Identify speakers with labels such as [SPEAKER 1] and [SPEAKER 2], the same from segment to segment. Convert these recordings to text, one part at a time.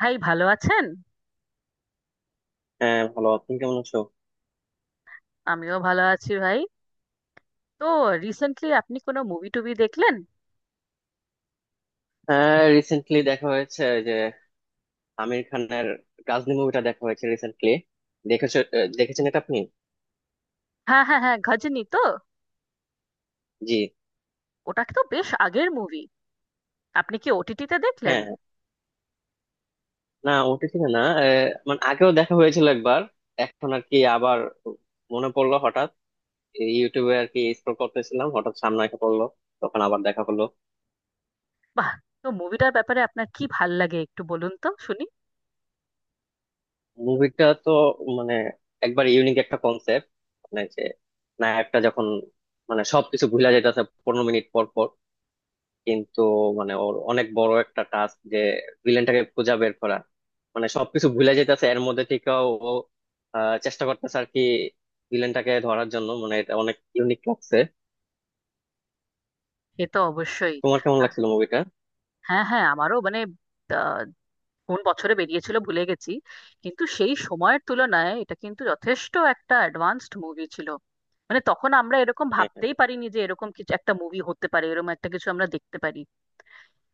[SPEAKER 1] ভাই ভালো আছেন?
[SPEAKER 2] হ্যাঁ, ভালো। আপনি কেমন আছো?
[SPEAKER 1] আমিও ভালো আছি ভাই। তো রিসেন্টলি আপনি কোনো মুভি টুভি দেখলেন?
[SPEAKER 2] হ্যাঁ, রিসেন্টলি দেখা হয়েছে ওই যে আমির খানের গাজনি মুভিটা দেখা হয়েছে রিসেন্টলি। দেখেছো দেখেছেন এটা আপনি?
[SPEAKER 1] হ্যাঁ হ্যাঁ হ্যাঁ, গজনী তো?
[SPEAKER 2] জি।
[SPEAKER 1] ওটা তো বেশ আগের মুভি। আপনি কি ওটিটিতে দেখলেন?
[SPEAKER 2] হ্যাঁ, না ওটিটিতে না, মানে আগেও দেখা হয়েছিল একবার, এখন আর কি আবার মনে পড়লো হঠাৎ, এই ইউটিউবে আর কি স্ক্রল করতেছিলাম, হঠাৎ সামনে এসে পড়লো, তখন আবার দেখা হলো।
[SPEAKER 1] বাহ। তো মুভিটার ব্যাপারে আপনার কি ভাল লাগে একটু বলুন তো শুনি।
[SPEAKER 2] মুভিটা তো মানে একবার ইউনিক একটা কনসেপ্ট, মানে যে নায়কটা যখন মানে সবকিছু ভুলা যাইতেছে 15 মিনিট পর পর, কিন্তু মানে ওর অনেক বড় একটা টাস্ক যে ভিলেনটাকে খুঁজে বের করা, মানে সবকিছু ভুলে যেতেছে এর মধ্যে থেকেও ও চেষ্টা করতেছে আর কি ভিলেনটাকে ধরার জন্য, মানে এটা অনেক ইউনিক লাগছে।
[SPEAKER 1] এ তো অবশ্যই।
[SPEAKER 2] তোমার কেমন
[SPEAKER 1] আহ,
[SPEAKER 2] লাগছিল মুভিটা?
[SPEAKER 1] হ্যাঁ হ্যাঁ, আমারও মানে আহ, কোন বছরে বেরিয়েছিল ভুলে গেছি, কিন্তু সেই সময়ের তুলনায় এটা কিন্তু যথেষ্ট একটা অ্যাডভান্সড মুভি ছিল। মানে তখন আমরা এরকম
[SPEAKER 2] হ্যাঁ।
[SPEAKER 1] ভাবতেই পারিনি যে এরকম কিছু একটা মুভি হতে পারে, এরকম একটা কিছু আমরা দেখতে পারি।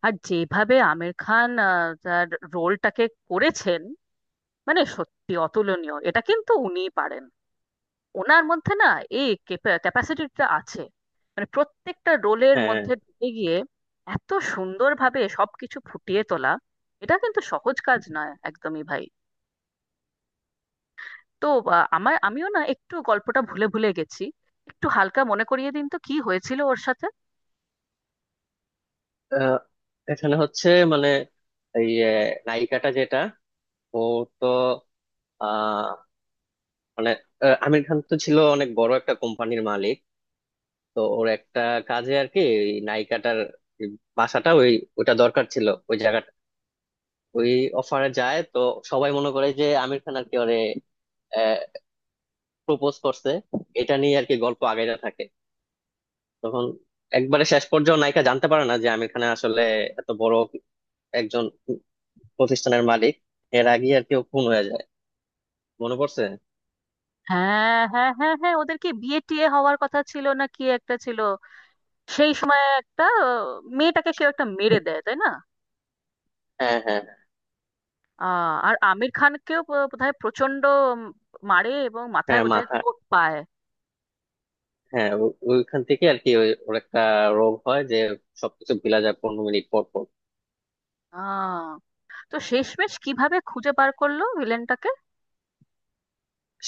[SPEAKER 1] আর যেভাবে আমির খান তার রোলটাকে করেছেন, মানে সত্যি অতুলনীয়। এটা কিন্তু উনিই পারেন, ওনার মধ্যে না এই ক্যাপাসিটিটা আছে। মানে প্রত্যেকটা রোলের
[SPEAKER 2] হ্যাঁ।
[SPEAKER 1] মধ্যে ঢুকে গিয়ে এত সুন্দরভাবে সবকিছু ফুটিয়ে তোলা, এটা কিন্তু সহজ কাজ নয় একদমই ভাই। তো আহ, আমার আমিও না একটু গল্পটা ভুলে ভুলে গেছি, একটু হালকা মনে করিয়ে দিন তো কি হয়েছিল ওর সাথে।
[SPEAKER 2] আহ, এখানে হচ্ছে মানে এই যে নায়িকাটা যেটা, ও তো আহ মানে, আমির খান তো ছিল অনেক বড় একটা কোম্পানির মালিক, তো ওর একটা কাজে আর কি এই নায়িকাটার বাসাটা ওই ওটা দরকার ছিল, ওই জায়গাটা ওই অফারে যায়, তো সবাই মনে করে যে আমির খান আর কি ওরে প্রপোজ করছে। এটা নিয়ে আর কি গল্প আগাইতে থাকে, তখন একবারে শেষ পর্যন্ত নায়িকা জানতে পারে না যে আমির খান আসলে এত বড় একজন প্রতিষ্ঠানের মালিক। এর আগে আর কি ও খুন হয়ে যায়। মনে পড়ছে।
[SPEAKER 1] হ্যাঁ হ্যাঁ হ্যাঁ হ্যাঁ, ওদের কি বিয়ে টিয়ে হওয়ার কথা ছিল না কি একটা ছিল? সেই সময় একটা মেয়েটাকে কেউ একটা মেরে দেয় তাই না?
[SPEAKER 2] হ্যাঁ, হ্যাঁ,
[SPEAKER 1] আর আমির খানকেও বোধহয় প্রচন্ড মারে এবং মাথায়
[SPEAKER 2] হ্যাঁ
[SPEAKER 1] বোধহয়
[SPEAKER 2] মাথা,
[SPEAKER 1] চোট পায়।
[SPEAKER 2] হ্যাঁ ওইখান থেকে আর কি ওর একটা রোগ হয় যে সবকিছু ভুলা যায় 15 মিনিট পর পর।
[SPEAKER 1] আহ, তো শেষমেশ কিভাবে খুঁজে বার করলো ভিলেনটাকে?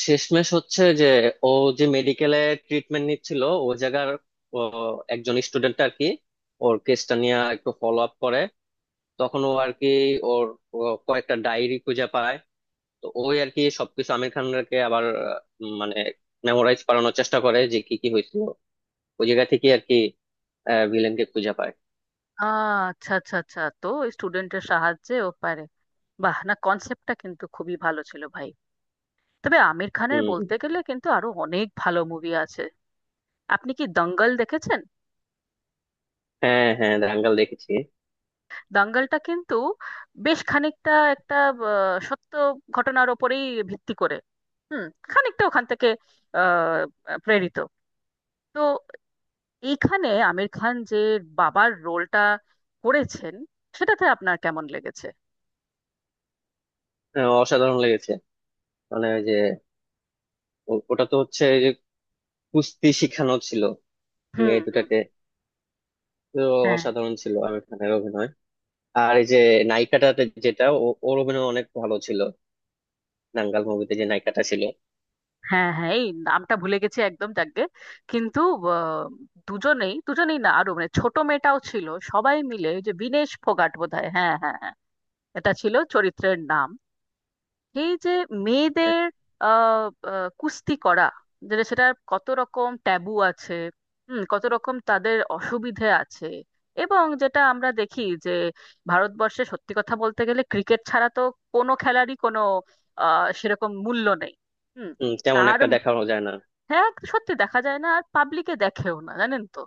[SPEAKER 2] শেষমেশ হচ্ছে যে ও যে মেডিকেলে ট্রিটমেন্ট নিচ্ছিল, ও জায়গার ও একজন স্টুডেন্ট আর কি ওর কেসটা নিয়ে একটু ফলো আপ করে, তখন ও আর কি ওর ও কয়েকটা ডায়েরি খুঁজে পায়। তো ওই আর কি সবকিছু আমির খানকে আবার মানে মেমোরাইজ করানোর চেষ্টা করে যে কি কি হয়েছিল, ওই জায়গা থেকে আর কি ভিলেনকে খুঁজে পায়।
[SPEAKER 1] আচ্ছা আচ্ছা আচ্ছা, তো স্টুডেন্টের সাহায্যে ও পারে। বাহ, না কনসেপ্টটা কিন্তু খুবই ভালো ছিল ভাই। তবে আমির খানের
[SPEAKER 2] হম।
[SPEAKER 1] বলতে গেলে কিন্তু আরো অনেক ভালো মুভি আছে। আপনি কি দঙ্গল দেখেছেন?
[SPEAKER 2] হ্যাঁ, হ্যাঁ, দাঙ্গাল দেখেছি।
[SPEAKER 1] দাঙ্গলটা কিন্তু বেশ খানিকটা একটা সত্য ঘটনার ওপরেই ভিত্তি করে, হুম, খানিকটা ওখান থেকে প্রেরিত। তো এইখানে আমির খান যে বাবার রোলটা করেছেন, সেটাতে আপনার কেমন লেগেছে?
[SPEAKER 2] হ্যাঁ, অসাধারণ লেগেছে, মানে ওই যে ওটা তো হচ্ছে যে কুস্তি শিখানো ছিল
[SPEAKER 1] হুম
[SPEAKER 2] মেয়ে
[SPEAKER 1] হুম।
[SPEAKER 2] দুটাকে, তো
[SPEAKER 1] হ্যাঁ
[SPEAKER 2] অসাধারণ ছিল আমির খানের অভিনয়। আর এই যে নায়িকাটাতে যেটা ওর অভিনয় অনেক ভালো ছিল দাঙ্গাল মুভিতে যে নায়িকাটা ছিল।
[SPEAKER 1] হ্যাঁ হ্যাঁ, এই নামটা ভুলে গেছি একদম, যাকগে। কিন্তু আহ, দুজনেই দুজনেই না আরো মানে ছোট মেয়েটাও ছিল, সবাই মিলে। ওই যে বিনেশ ফোগাট বোধহয়, হ্যাঁ হ্যাঁ হ্যাঁ, এটা ছিল চরিত্রের নাম। এই যে মেয়েদের আহ আহ, কুস্তি করা যেটা, সেটা কত রকম ট্যাবু আছে, হুম, কত রকম তাদের অসুবিধে আছে। এবং যেটা আমরা দেখি যে ভারতবর্ষে সত্যি কথা বলতে গেলে ক্রিকেট ছাড়া তো কোনো খেলারই কোনো আহ সেরকম মূল্য নেই। হুম।
[SPEAKER 2] হম, তেমন
[SPEAKER 1] আর
[SPEAKER 2] একটা দেখানো যায় না।
[SPEAKER 1] হ্যাঁ, সত্যি দেখা যায় না, আর পাবলিকে দেখেও না, জানেন তো।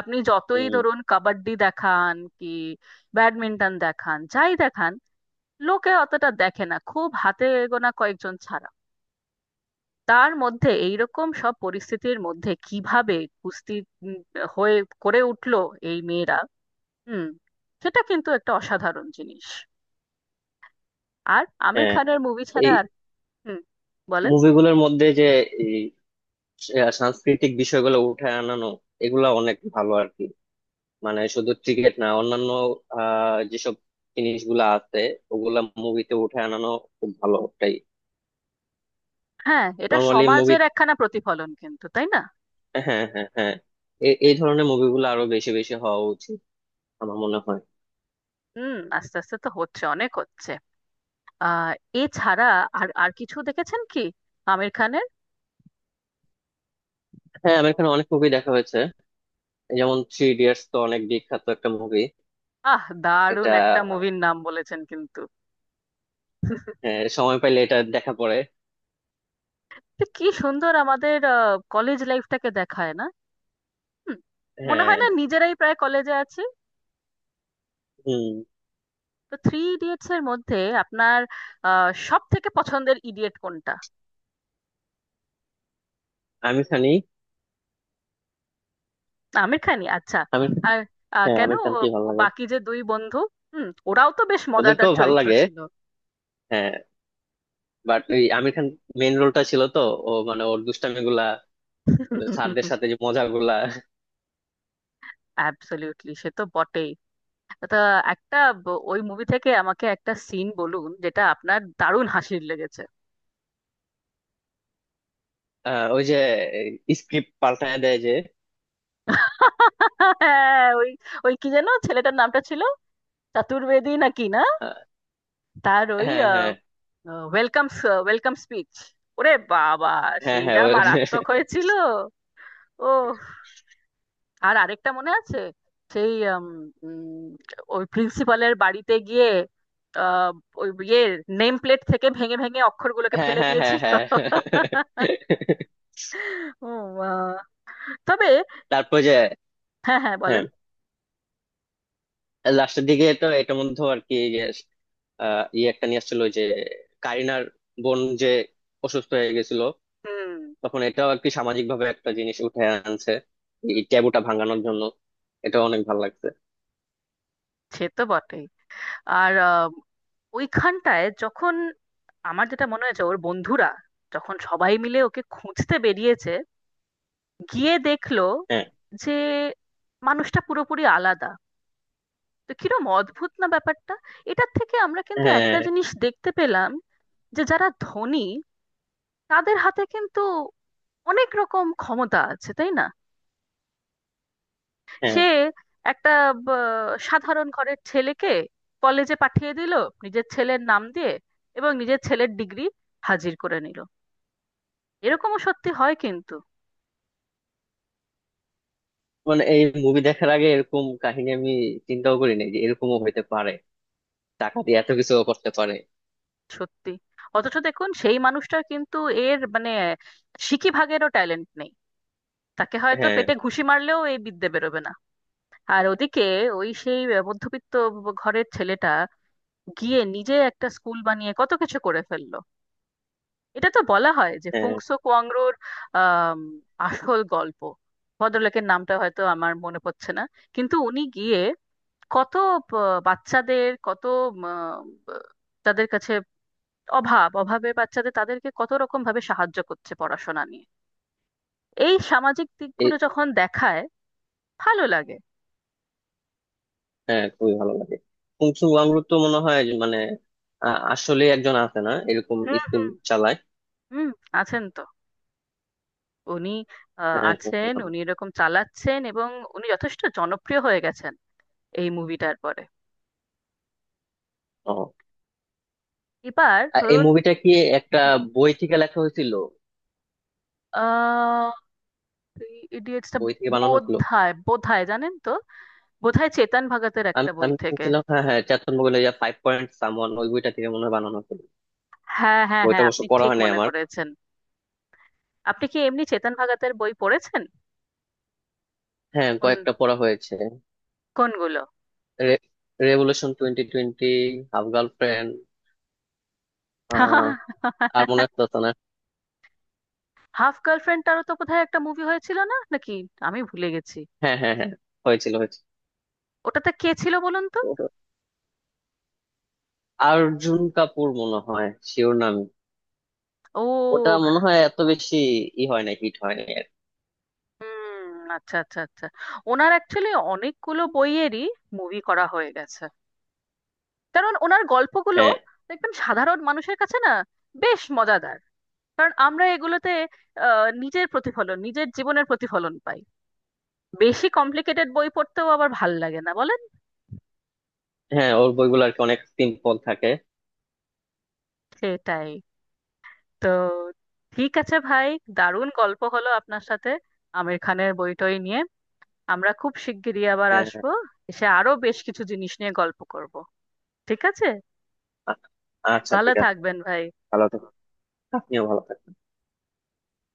[SPEAKER 1] আপনি যতই
[SPEAKER 2] হম।
[SPEAKER 1] ধরুন কাবাডি দেখান কি ব্যাডমিন্টন দেখান, যাই দেখান, লোকে অতটা দেখে না, খুব হাতে গোনা কয়েকজন ছাড়া। তার মধ্যে এইরকম সব পরিস্থিতির মধ্যে কিভাবে কুস্তি উম, হয়ে করে উঠলো এই মেয়েরা, হুম, সেটা কিন্তু একটা অসাধারণ জিনিস। আর আমির
[SPEAKER 2] হ্যাঁ,
[SPEAKER 1] খানের মুভি ছাড়া
[SPEAKER 2] এই
[SPEAKER 1] আর, হুম, বলেন।
[SPEAKER 2] মুভিগুলোর মধ্যে যে এই সাংস্কৃতিক বিষয়গুলো উঠে আনানো এগুলা অনেক ভালো আর কি, মানে শুধু ক্রিকেট না, অন্যান্য যেসব জিনিসগুলো আছে ওগুলা মুভিতে উঠে আনানো খুব ভালো। তাই
[SPEAKER 1] হ্যাঁ, এটা
[SPEAKER 2] নর্মালি মুভি,
[SPEAKER 1] সমাজের একখানা প্রতিফলন কিন্তু, তাই না?
[SPEAKER 2] হ্যাঁ, হ্যাঁ, হ্যাঁ এই এই ধরনের মুভিগুলো আরো বেশি বেশি হওয়া উচিত আমার মনে হয়।
[SPEAKER 1] হুম, আস্তে আস্তে তো হচ্ছে, অনেক হচ্ছে। আহ, এছাড়া আর আর কিছু দেখেছেন কি আমির খানের?
[SPEAKER 2] হ্যাঁ, আমার এখানে অনেক মুভি দেখা হয়েছে, যেমন 3 Idiots তো অনেক বিখ্যাত একটা মুভি।
[SPEAKER 1] আহ, দারুণ
[SPEAKER 2] এটা
[SPEAKER 1] একটা মুভির নাম বলেছেন কিন্তু।
[SPEAKER 2] হ্যাঁ, সময় পাইলে এটা দেখা পড়ে।
[SPEAKER 1] তো কি সুন্দর আমাদের কলেজ লাইফটাকে দেখায় না, হুম, মনে হয়
[SPEAKER 2] হ্যাঁ।
[SPEAKER 1] না নিজেরাই প্রায় কলেজে আছি।
[SPEAKER 2] হুম।
[SPEAKER 1] তো থ্রি ইডিয়টস এর মধ্যে আপনার সব থেকে পছন্দের ইডিয়েট কোনটা?
[SPEAKER 2] আমির খানই।
[SPEAKER 1] আমির খানই? আচ্ছা।
[SPEAKER 2] আমির,
[SPEAKER 1] আর
[SPEAKER 2] হ্যাঁ
[SPEAKER 1] কেন?
[SPEAKER 2] আমির খানকেই ভালো
[SPEAKER 1] ও
[SPEAKER 2] লাগে।
[SPEAKER 1] বাকি যে দুই বন্ধু, হুম, ওরাও তো বেশ মজাদার
[SPEAKER 2] ওদেরকেও ভালো
[SPEAKER 1] চরিত্র
[SPEAKER 2] লাগে,
[SPEAKER 1] ছিল।
[SPEAKER 2] হ্যাঁ, বাট ওই আমির খান মেইন রোলটা ছিল তো, ও মানে ওর দুষ্টামি গুলা, স্যারদের সাথে যে মজা গুলা।
[SPEAKER 1] অ্যাবসলিউটলি, সে তো বটেই। তো একটা ওই মুভি থেকে আমাকে একটা সিন বলুন যেটা আপনার দারুণ হাসির লেগেছে।
[SPEAKER 2] ওই যে স্ক্রিপ্ট পাল্টায় দেয় যে।
[SPEAKER 1] হ্যাঁ, ওই ওই কি যেন ছেলেটার নামটা ছিল, চতুর্বেদী নাকি না?
[SPEAKER 2] আহ,
[SPEAKER 1] তার ওই
[SPEAKER 2] হ্যাঁ, হ্যাঁ,
[SPEAKER 1] ওয়েলকাম, ওয়েলকাম স্পিচ, ওরে বাবা,
[SPEAKER 2] হ্যাঁ,
[SPEAKER 1] সেই
[SPEAKER 2] হ্যাঁ
[SPEAKER 1] যা
[SPEAKER 2] ওই,
[SPEAKER 1] মারাত্মক হয়েছিল। ও, আর আরেকটা মনে আছে সেই উম, উম, ওই প্রিন্সিপালের বাড়িতে গিয়ে আহ, ওই ইয়ে নেম প্লেট থেকে ভেঙে ভেঙে অক্ষরগুলোকে
[SPEAKER 2] হ্যাঁ,
[SPEAKER 1] ফেলে
[SPEAKER 2] হ্যাঁ, হ্যাঁ,
[SPEAKER 1] দিয়েছিল।
[SPEAKER 2] হ্যাঁ, হ্যাঁ, হ্যাঁ, হ্যাঁ, হ্যাঁ, হ্যাঁ, হ্যাঁ।
[SPEAKER 1] ও মা! তবে,
[SPEAKER 2] তারপর যে,
[SPEAKER 1] হ্যাঁ হ্যাঁ, বলেন।
[SPEAKER 2] হ্যাঁ লাস্টের দিকে তো এটার মধ্যে আর কি যে, ইয়ে একটা নিয়ে আসছিল ওই যে কারিনার বোন যে অসুস্থ হয়ে গেছিল,
[SPEAKER 1] হুম,
[SPEAKER 2] তখন এটাও আর কি সামাজিক ভাবে একটা জিনিস উঠে আনছে এই ট্যাবুটা ভাঙানোর জন্য, এটা অনেক ভালো লাগছে।
[SPEAKER 1] সে তো বটেই। আর ওইখানটায় যখন, আমার যেটা মনে হয়েছে, ওর বন্ধুরা যখন সবাই মিলে ওকে খুঁজতে বেরিয়েছে, গিয়ে দেখলো
[SPEAKER 2] হ্যাঁ,
[SPEAKER 1] যে মানুষটা পুরোপুরি আলাদা। তো কিরম অদ্ভুত না ব্যাপারটা! এটার থেকে আমরা কিন্তু
[SPEAKER 2] হ্যাঁ,
[SPEAKER 1] একটা জিনিস দেখতে পেলাম, যে যারা ধনী তাদের হাতে কিন্তু অনেক রকম ক্ষমতা আছে, তাই না?
[SPEAKER 2] হ্যাঁ
[SPEAKER 1] সে একটা সাধারণ ঘরের ছেলেকে কলেজে পাঠিয়ে দিল নিজের ছেলের নাম দিয়ে, এবং নিজের ছেলের ডিগ্রি হাজির করে নিল। এরকমও সত্যি হয় কিন্তু।
[SPEAKER 2] মানে এই মুভি দেখার আগে এরকম কাহিনী আমি চিন্তাও করি নাই যে এরকমও হইতে পারে, টাকা দিয়ে এত কিছু করতে পারে।
[SPEAKER 1] সত্যি, অথচ দেখুন সেই মানুষটার কিন্তু এর মানে সিকি ভাগেরও ট্যালেন্ট নেই, তাকে হয়তো
[SPEAKER 2] হ্যাঁ,
[SPEAKER 1] পেটে ঘুষি মারলেও এই বিদ্যে বেরোবে না। আর ওদিকে ওই সেই মধ্যবিত্ত ঘরের ছেলেটা গিয়ে নিজে একটা স্কুল বানিয়ে কত কিছু করে ফেললো। এটা তো বলা হয় যে
[SPEAKER 2] হ্যাঁ
[SPEAKER 1] ফুংসো কোয়াংরোর আম, আসল গল্প। ভদ্রলোকের নামটা হয়তো আমার মনে পড়ছে না, কিন্তু উনি গিয়ে কত বাচ্চাদের, কত উম, তাদের কাছে অভাব, অভাবের বাচ্চাদের, তাদেরকে কত রকম ভাবে সাহায্য করছে পড়াশোনা নিয়ে। এই সামাজিক দিকগুলো
[SPEAKER 2] এই,
[SPEAKER 1] যখন দেখায় ভালো লাগে।
[SPEAKER 2] হ্যাঁ খুবই ভালো লাগে। কুংসু ওয়াংরুক তো মনে হয় যে মানে আ- আসলে একজন আছে না এরকম,
[SPEAKER 1] হুম
[SPEAKER 2] স্কুল চালায়।
[SPEAKER 1] হুম, আছেন তো উনি।
[SPEAKER 2] হ্যাঁ,
[SPEAKER 1] আছেন,
[SPEAKER 2] শুনছিলাম।
[SPEAKER 1] উনি এরকম চালাচ্ছেন, এবং উনি যথেষ্ট জনপ্রিয় হয়ে গেছেন এই মুভিটার পরে।
[SPEAKER 2] ও,
[SPEAKER 1] এবার
[SPEAKER 2] আর এই
[SPEAKER 1] ধরুন,
[SPEAKER 2] মুভিটা কি একটা
[SPEAKER 1] হুম,
[SPEAKER 2] বই থেকে লেখা হয়েছিল,
[SPEAKER 1] আহ, ইডিয়েটসটা
[SPEAKER 2] বই থেকে বানানো
[SPEAKER 1] বোধ
[SPEAKER 2] হয়েছিল?
[SPEAKER 1] হয়, জানেন তো, বোধ হয় চেতন ভগতের
[SPEAKER 2] আমি
[SPEAKER 1] একটা বই
[SPEAKER 2] আমি
[SPEAKER 1] থেকে।
[SPEAKER 2] শুনছিলাম, হ্যাঁ হ্যাঁ চেতন ভগতের Five Point Someone ওই বইটা থেকে মনে হয় বানানো হয়েছিল।
[SPEAKER 1] হ্যাঁ হ্যাঁ
[SPEAKER 2] বইটা
[SPEAKER 1] হ্যাঁ,
[SPEAKER 2] অবশ্য
[SPEAKER 1] আপনি
[SPEAKER 2] পড়া
[SPEAKER 1] ঠিক
[SPEAKER 2] হয় নাই
[SPEAKER 1] মনে
[SPEAKER 2] আমার।
[SPEAKER 1] করেছেন। আপনি কি এমনি চেতন ভগতের বই পড়েছেন?
[SPEAKER 2] হ্যাঁ,
[SPEAKER 1] কোন
[SPEAKER 2] কয়েকটা পড়া হয়েছে।
[SPEAKER 1] কোনগুলো?
[SPEAKER 2] Revolution 2020, Half Girlfriend, আহ আর মনে আসতেছে না।
[SPEAKER 1] হাফ গার্লফ্রেন্ড, তারও তো বোধহয় একটা মুভি হয়েছিল না নাকি? আমি ভুলে গেছি।
[SPEAKER 2] হ্যাঁ, হ্যাঁ, হ্যাঁ, হয়েছিল হয়েছিল
[SPEAKER 1] ওটাতে কে ছিল বলুন তো?
[SPEAKER 2] ও- অর্জুন কাপুর মনে হয়, শিওর নাম। ওটা
[SPEAKER 1] ও,
[SPEAKER 2] মনে হয় এত বেশি ই হয় না, হিট হয় না।
[SPEAKER 1] হুম, আচ্ছা আচ্ছা আচ্ছা। ওনার অ্যাকচুয়ালি অনেকগুলো বইয়েরই মুভি করা হয়ে গেছে, কারণ ওনার গল্পগুলো
[SPEAKER 2] হ্যাঁ,
[SPEAKER 1] দেখবেন সাধারণ মানুষের কাছে না বেশ মজাদার, কারণ আমরা এগুলোতে নিজের প্রতিফলন, নিজের জীবনের প্রতিফলন পাই। বেশি কমপ্লিকেটেড বই পড়তেও আবার ভাল লাগে না, বলেন।
[SPEAKER 2] হ্যাঁ ওর বইগুলো আর কি অনেক সিম্পল থাকে।
[SPEAKER 1] সেটাই। তো ঠিক আছে ভাই, দারুণ গল্প হলো আপনার সাথে আমির খানের বইটই নিয়ে। আমরা খুব শিগগিরই আবার
[SPEAKER 2] হ্যাঁ,
[SPEAKER 1] আসবো, এসে আরো বেশ কিছু জিনিস নিয়ে গল্প করব। ঠিক আছে,
[SPEAKER 2] আ- আচ্ছা
[SPEAKER 1] ভালো
[SPEAKER 2] ঠিক আছে।
[SPEAKER 1] থাকবেন ভাই।
[SPEAKER 2] ভালো থাকুন, আপনিও ভালো থাকুন।